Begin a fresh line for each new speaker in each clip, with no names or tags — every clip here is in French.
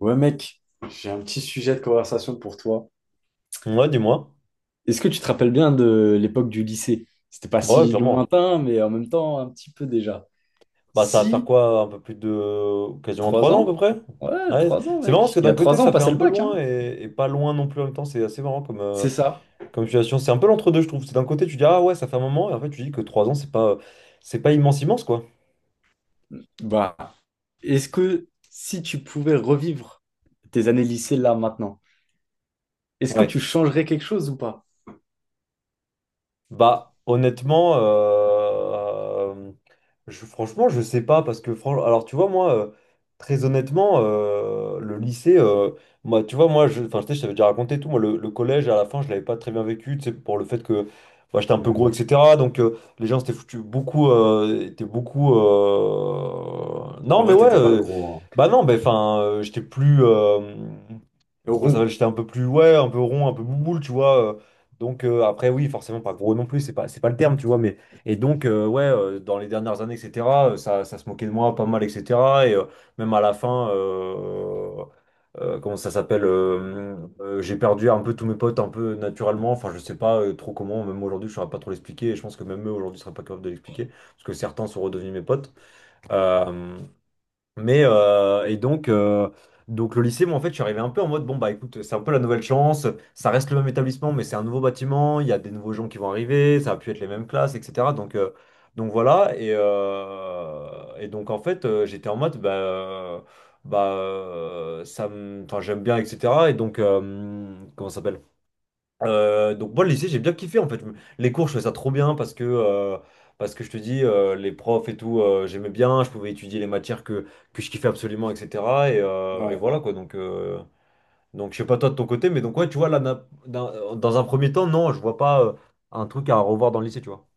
Ouais, mec, j'ai un petit sujet de conversation pour toi.
Ouais, dis-moi.
Est-ce que tu te rappelles bien de l'époque du lycée? C'était pas
Ouais,
si
clairement.
lointain, mais en même temps, un petit peu déjà.
Bah, ça va faire
Si,
quoi? Un peu plus de... Quasiment
trois
3 ans à peu
ans?
près?
Ouais,
Ouais.
trois ans,
C'est marrant parce
mec.
que
Il y
d'un
a
côté,
3 ans, on
ça fait
passait
un
le
peu
bac,
loin
hein?
et pas loin non plus en même temps. C'est assez marrant comme, euh,
C'est ça.
comme situation. C'est un peu l'entre-deux, je trouve. C'est d'un côté, tu dis, ah ouais, ça fait un moment. Et en fait, tu dis que 3 ans, c'est pas immense, immense, quoi.
Bah, est-ce que si tu pouvais revivre tes années lycée là, maintenant, est-ce que
Ouais.
tu changerais quelque chose ou pas?
Bah, honnêtement, franchement, je sais pas parce que, franchement, alors tu vois, moi, très honnêtement, le lycée, moi, tu vois, enfin, je sais, je t'avais déjà raconté tout, moi, le collège, à la fin, je l'avais pas très bien vécu, tu sais, pour le fait que moi, j'étais un peu gros,
Hmm.
etc. Donc, les gens s'étaient foutus beaucoup, étaient beaucoup.
En
Non, mais
vrai,
ouais,
t'étais pas gros, hein.
bah non, bah, enfin, j'étais plus. Comment ça s'appelle?
Rond.
J'étais un peu plus, ouais, un peu rond, un peu bouboule, tu vois. Après, oui, forcément, pas gros non plus, c'est pas le terme, tu vois. Dans les dernières années, etc., ça se moquait de moi pas mal, etc. Et même à la fin, comment ça s'appelle? J'ai perdu un peu tous mes potes, un peu naturellement. Enfin, je sais pas trop comment, même aujourd'hui, je saurais pas trop l'expliquer. Et je pense que même eux, aujourd'hui, seraient pas capables de l'expliquer. Parce que certains sont redevenus mes potes. Euh, mais euh, et donc, euh, donc le lycée, moi en fait, je suis arrivé un peu en mode bon bah écoute, c'est un peu la nouvelle chance. Ça reste le même établissement, mais c'est un nouveau bâtiment. Il y a des nouveaux gens qui vont arriver. Ça va plus être les mêmes classes, etc. Donc voilà. Et donc en fait, j'étais en mode enfin j'aime bien, etc. Et donc comment ça s'appelle? Donc moi le lycée j'ai bien kiffé en fait. Les cours je faisais ça trop bien parce que je te dis les profs et tout j'aimais bien, je pouvais étudier les matières que je kiffais absolument etc. Et
Ouais.
voilà quoi donc je sais pas toi de ton côté, mais donc ouais tu vois là dans un premier temps non je vois pas un truc à revoir dans le lycée tu vois.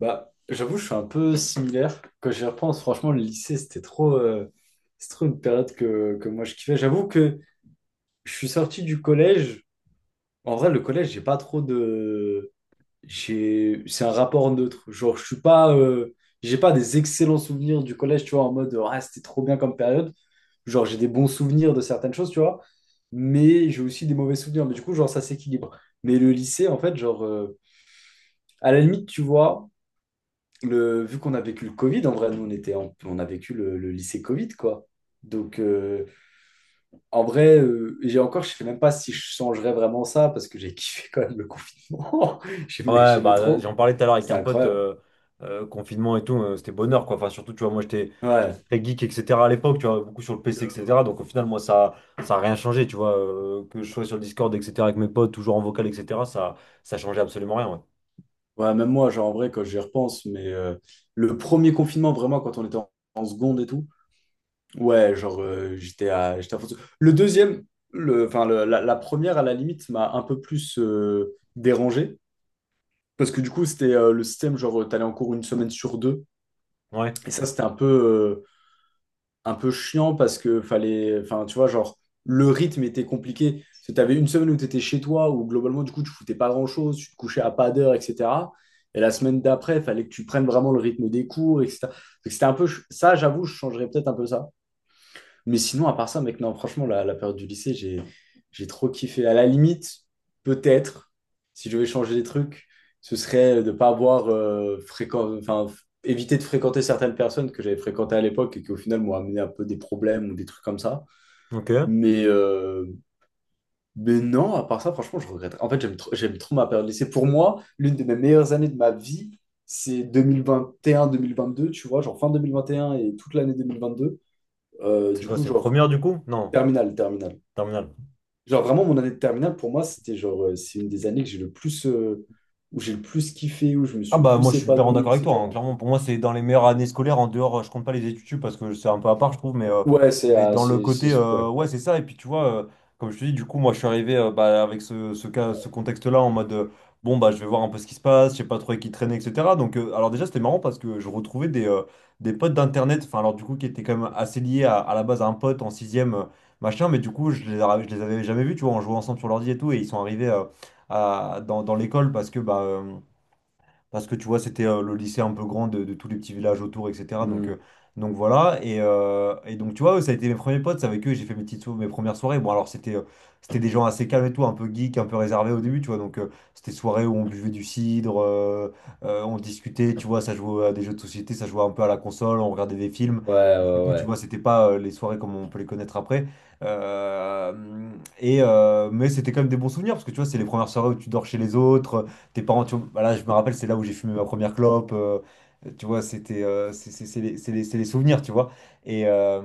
Bah, j'avoue, je suis un peu similaire. Quand j'y repense, franchement, le lycée, c'était trop, c'est trop une période que moi je kiffais. J'avoue que je suis sorti du collège. En vrai, le collège, j'ai pas trop de. J'ai. C'est un rapport neutre. Genre, je suis pas. J'ai pas des excellents souvenirs du collège, tu vois, en mode, ah, c'était trop bien comme période. Genre, j'ai des bons souvenirs de certaines choses, tu vois. Mais j'ai aussi des mauvais souvenirs. Mais du coup, genre, ça s'équilibre. Mais le lycée, en fait, genre, à la limite, tu vois. Vu qu'on a vécu le Covid, en vrai, nous, on a vécu le lycée Covid, quoi. Donc, en vrai, j'ai encore, je sais même pas si je changerais vraiment ça parce que j'ai kiffé quand même le confinement. J'aimais,
Ouais,
j'aimais
bah,
trop.
j'en parlais tout à l'heure avec
C'était
un pote,
incroyable.
confinement et tout, c'était bonheur, quoi. Enfin, surtout, tu vois, moi, j'étais
Ouais.
très geek, etc. à l'époque, tu vois, beaucoup sur le PC, etc. Donc, au final, moi, ça a rien changé, tu vois, que je sois sur le Discord, etc., avec mes potes, toujours en vocal, etc., ça changeait absolument rien, ouais.
Ouais, même moi, genre, en vrai, quand j'y repense, mais le premier confinement, vraiment, quand on était en seconde et tout, ouais, genre, j'étais à fond dessus. Le deuxième, enfin, la première, à la limite, m'a un peu plus dérangé. Parce que du coup, c'était le système, genre, t'allais en cours une semaine sur deux.
Ouais,
Et ça, c'était un peu chiant parce que fallait, enfin, tu vois, genre, le rythme était compliqué. Tu t'avais une semaine où t'étais chez toi, où globalement, du coup, tu foutais pas grand-chose, tu te couchais à pas d'heure, etc. Et la semaine d'après, il fallait que tu prennes vraiment le rythme des cours, etc. Donc, c'était un peu, ça, j'avoue, je changerais peut-être un peu ça. Mais sinon, à part ça, mec, non, franchement, la période du lycée, j'ai trop kiffé. À la limite, peut-être, si je devais changer des trucs, ce serait de pas avoir enfin, éviter de fréquenter certaines personnes que j'avais fréquentées à l'époque et qui, au final, m'ont amené un peu des problèmes ou des trucs comme ça.
ok.
Mais, euh, mais non, à part ça, franchement, je regrette. En fait, j'aime trop ma période de lycée. Pour moi, l'une de mes meilleures années de ma vie, c'est 2021-2022, tu vois, genre fin 2021 et toute l'année 2022.
C'est
Du
quoi,
coup,
c'est
genre,
première, du coup? Non,
terminal, terminal.
terminale.
Genre vraiment mon année de terminale pour moi c'était genre c'est une des années que j'ai le plus où j'ai le plus kiffé où je me
Ah
suis le
bah moi
plus
je suis clairement
épanoui,
d'accord avec toi, hein.
etc.
Clairement pour moi c'est dans les meilleures années scolaires, en dehors je compte pas les études sup parce que c'est un peu à part je trouve, mais, euh,
Ouais, c'est,
mais
ah,
dans le
c'est
côté
c'est- ouais.
ouais c'est ça et puis tu vois comme je te dis du coup moi je suis arrivé bah, avec ce contexte-là en mode bon bah je vais voir un peu ce qui se passe, je sais pas trop avec qui traîner etc. Donc alors déjà c'était marrant parce que je retrouvais des potes d'internet, enfin alors du coup qui étaient quand même assez liés à la base à un pote en sixième machin mais du coup je les avais jamais vus tu vois on jouait ensemble sur l'ordi et tout et ils sont arrivés dans l'école parce que bah parce que tu vois, c'était le lycée un peu grand de tous les petits villages autour, etc.
Hmm.
Donc voilà. Et donc, tu vois, eux, ça a été mes premiers potes, c'est avec eux, j'ai fait mes premières soirées. Bon, alors, c'était des gens assez calmes et tout, un peu geek, un peu réservés au début, tu vois. Donc, c'était soirées où on buvait du cidre, on discutait, tu vois, ça jouait à des jeux de société, ça jouait un peu à la console, on regardait des films.
Ouais,
et c'est
ouais,
tout, tu
ouais.
vois, c'était pas les soirées comme on peut les connaître après. Euh, mais c'était quand même des bons souvenirs parce que tu vois, c'est les premières soirées où tu dors chez les autres, tes parents, tu vois, bah là je me rappelle, c'est là où j'ai fumé ma première clope. Tu vois, c'était, c'est les, c'est les- c'est les souvenirs, tu vois. Et, euh,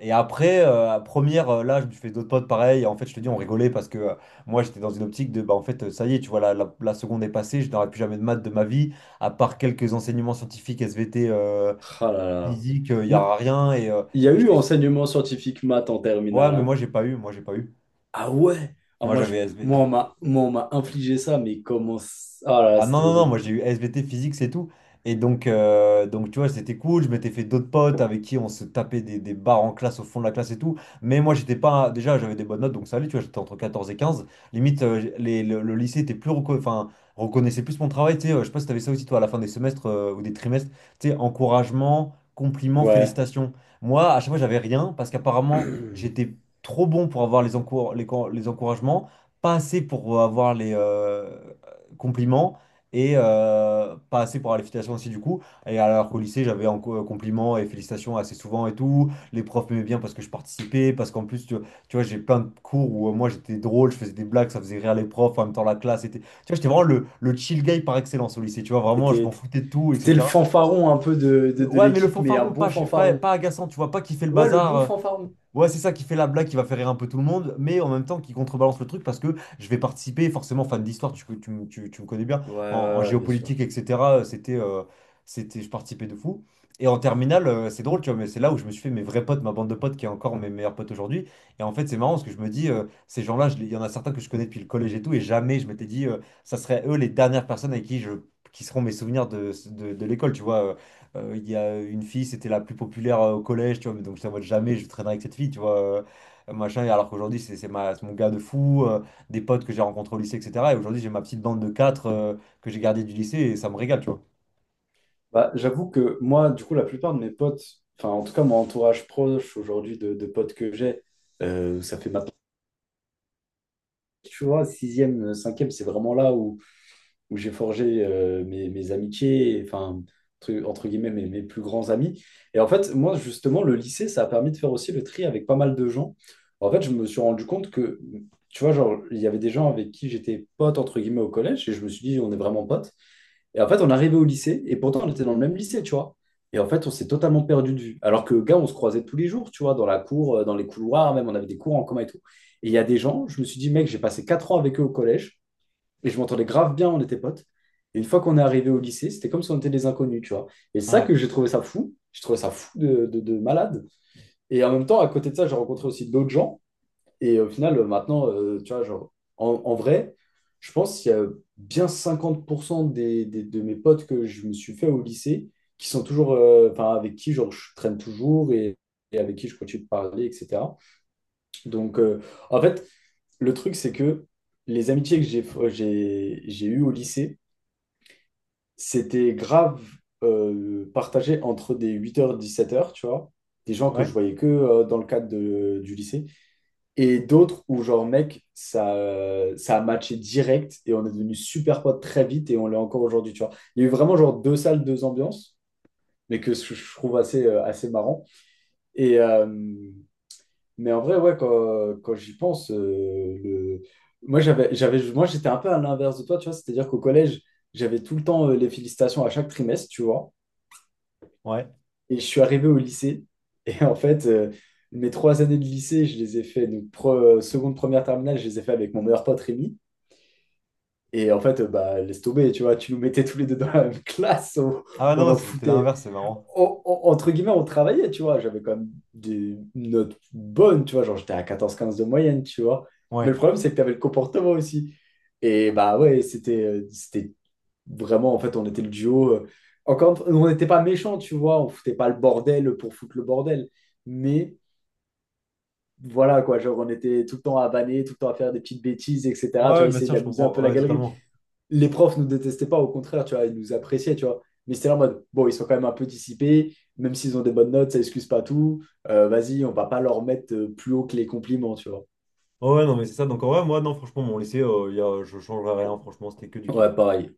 et après, à première, là, je me suis fait d'autres potes pareil. Et en fait, je te dis, on rigolait parce que moi, j'étais dans une optique de, bah, en fait, ça y est, tu vois, la seconde est passée, je n'aurai plus jamais de maths de ma vie, à part quelques enseignements scientifiques, SVT,
Ah là là.
physique, il n'y
N-
aura rien. Et, euh,
Il y a
et je
eu
te dis,
enseignement scientifique maths en
ouais,
terminale,
mais
hein.
moi, j'ai pas eu, moi, j'ai pas eu.
Ah ouais. Ah,
Moi,
moi je
j'avais
moi, on m'a infligé ça mais comment ah là là,
Ah non,
c'était
non, non,
horrible.
moi j'ai eu SVT physique, c'est tout. Et donc tu vois, c'était cool. Je m'étais fait d'autres potes avec qui on se tapait des barres en classe, au fond de la classe et tout. Mais moi, j'étais pas. Déjà, j'avais des bonnes notes, donc ça allait, tu vois, j'étais entre 14 et 15. Limite, le lycée était plus enfin, reconnaissait plus mon travail. Tu sais, je sais pas si t'avais ça aussi, toi, à la fin des semestres ou des trimestres. Tu sais, encouragement, compliments,
Ouais.
félicitations. Moi, à chaque fois, j'avais rien parce qu'apparemment, j'étais trop bon pour avoir les encouragements, pas assez pour avoir les compliments et pas assez pour la félicitation aussi du coup. Et alors qu'au lycée, j'avais en compliments et félicitations assez souvent et tout. Les profs m'aimaient bien parce que je participais, parce qu'en plus, tu vois, j'ai plein de cours où moi j'étais drôle, je faisais des blagues, ça faisait rire les profs, en même temps la classe était. Tu vois, j'étais vraiment le chill guy par excellence au lycée, tu vois, vraiment, je
T'étais
m'en foutais de tout,
t'étais le
etc.
fanfaron un peu de, de de
Ouais, mais le
l'équipe mais un
fanfaron,
bon
pas, chez- pas,
fanfaron.
pas agaçant, tu vois, pas qui fait le
Ouais, le
bazar,
bon fanfaron.
ouais, c'est ça qui fait la blague, qui va faire rire un peu tout le monde, mais en même temps qui contrebalance le truc parce que je vais participer, forcément fan d'histoire, tu me connais bien,
Ouais,
en
ouais, ouais, bien sûr.
géopolitique, etc. Je participais de fou. Et en terminale, c'est drôle, tu vois, mais c'est là où je me suis fait mes vrais potes, ma bande de potes qui est encore mes meilleurs potes aujourd'hui. Et en fait, c'est marrant parce que je me dis, ces gens-là, il y en a certains que je connais depuis le collège et tout, et jamais je m'étais dit, ça serait eux les dernières personnes avec qui qui seront mes souvenirs de l'école, tu vois. Il y a une fille, c'était la plus populaire au collège, tu vois, mais donc je ne jamais je traînerai avec cette fille, tu vois, machin, et alors qu'aujourd'hui, c'est mon gars de fou, des potes que j'ai rencontrés au lycée, etc. Et aujourd'hui, j'ai ma petite bande de quatre que j'ai gardée du lycée, et ça me régale, tu vois.
Bah, j'avoue que moi, du coup, la plupart de mes potes, enfin, en tout cas, mon entourage proche aujourd'hui de potes que j'ai, ça fait maintenant, tu vois, sixième, cinquième, c'est vraiment là où j'ai forgé mes amitiés, et, enfin, entre guillemets, mes plus grands amis. Et en fait, moi, justement, le lycée, ça a permis de faire aussi le tri avec pas mal de gens. En fait, je me suis rendu compte que, tu vois, genre, il y avait des gens avec qui j'étais pote, entre guillemets, au collège, et je me suis dit, on est vraiment potes. Et en fait, on arrivait au lycée, et pourtant, on était dans le même lycée, tu vois. Et en fait, on s'est totalement perdu de vue. Alors que, gars, on se croisait tous les jours, tu vois, dans la cour, dans les couloirs, même, on avait des cours en commun et tout. Et il y a des gens, je me suis dit, mec, j'ai passé 4 ans avec eux au collège, et je m'entendais grave bien, on était potes. Et une fois qu'on est arrivé au lycée, c'était comme si on était des inconnus, tu vois. Et c'est ça
Ouais,
que j'ai trouvé ça fou. J'ai trouvé ça fou de malade. Et en même temps, à côté de ça, j'ai rencontré aussi d'autres gens. Et au final, maintenant, tu vois, genre, en vrai, je pense qu'il y a bien 50% des, de mes potes que je me suis fait au lycée qui sont toujours, enfin, avec qui, genre, je traîne toujours et avec qui je continue de parler, etc. Donc, en fait, le truc, c'est que les amitiés que j'ai eues au lycée, c'était grave partagé entre des 8h, 17h, tu vois, des gens que
ouais,
je voyais que dans le cadre du lycée. Et d'autres où, genre, mec, ça a matché direct et on est devenu super potes très vite et on l'est encore aujourd'hui, tu vois. Il y a eu vraiment, genre, deux salles, deux ambiances, mais que je trouve assez marrant. Et, euh, mais en vrai, ouais, quand j'y pense. Moi, j'étais un peu à l'inverse de toi, tu vois. C'est-à-dire qu'au collège, j'avais tout le temps les félicitations à chaque trimestre, tu vois.
ouais.
Et je suis arrivé au lycée et en fait, mes trois années de lycée, je les ai fait, donc seconde, première, terminale, je les ai fait avec mon meilleur pote Rémi. Et en fait, bah, laisse tomber, tu vois, tu nous mettais tous les deux dans la même classe, on,
Ah
on
non,
en
c'était
foutait.
l'inverse, c'est marrant.
Entre guillemets, on travaillait, tu vois. J'avais quand même des notes bonnes, tu vois, genre j'étais à 14, 15 de moyenne, tu vois. Mais
Ouais.
le problème, c'est que tu avais le comportement aussi. Et bah ouais, c'était vraiment, en fait, on était le duo. Encore, on n'était pas méchants, tu vois, on foutait pas le bordel pour foutre le bordel. Mais voilà, quoi, genre on était tout le temps à vanner, tout le temps à faire des petites bêtises,
Ouais,
etc. Tu
ouais,
vois,
bien
essayer
sûr, je
d'amuser un peu
comprends,
la
ouais,
galerie.
totalement.
Les profs nous détestaient pas, au contraire, tu vois, ils nous appréciaient, tu vois. Mais c'était là en mode, bon, ils sont quand même un peu dissipés, même s'ils ont des bonnes notes, ça excuse pas tout. Vas-y, on va pas leur mettre plus haut que les compliments, tu vois.
Ouais, ouais, non, mais c'est ça, donc en vrai, moi, non, franchement, mon lycée, je changerais rien, franchement, c'était que du kiff.
Ouais, pareil.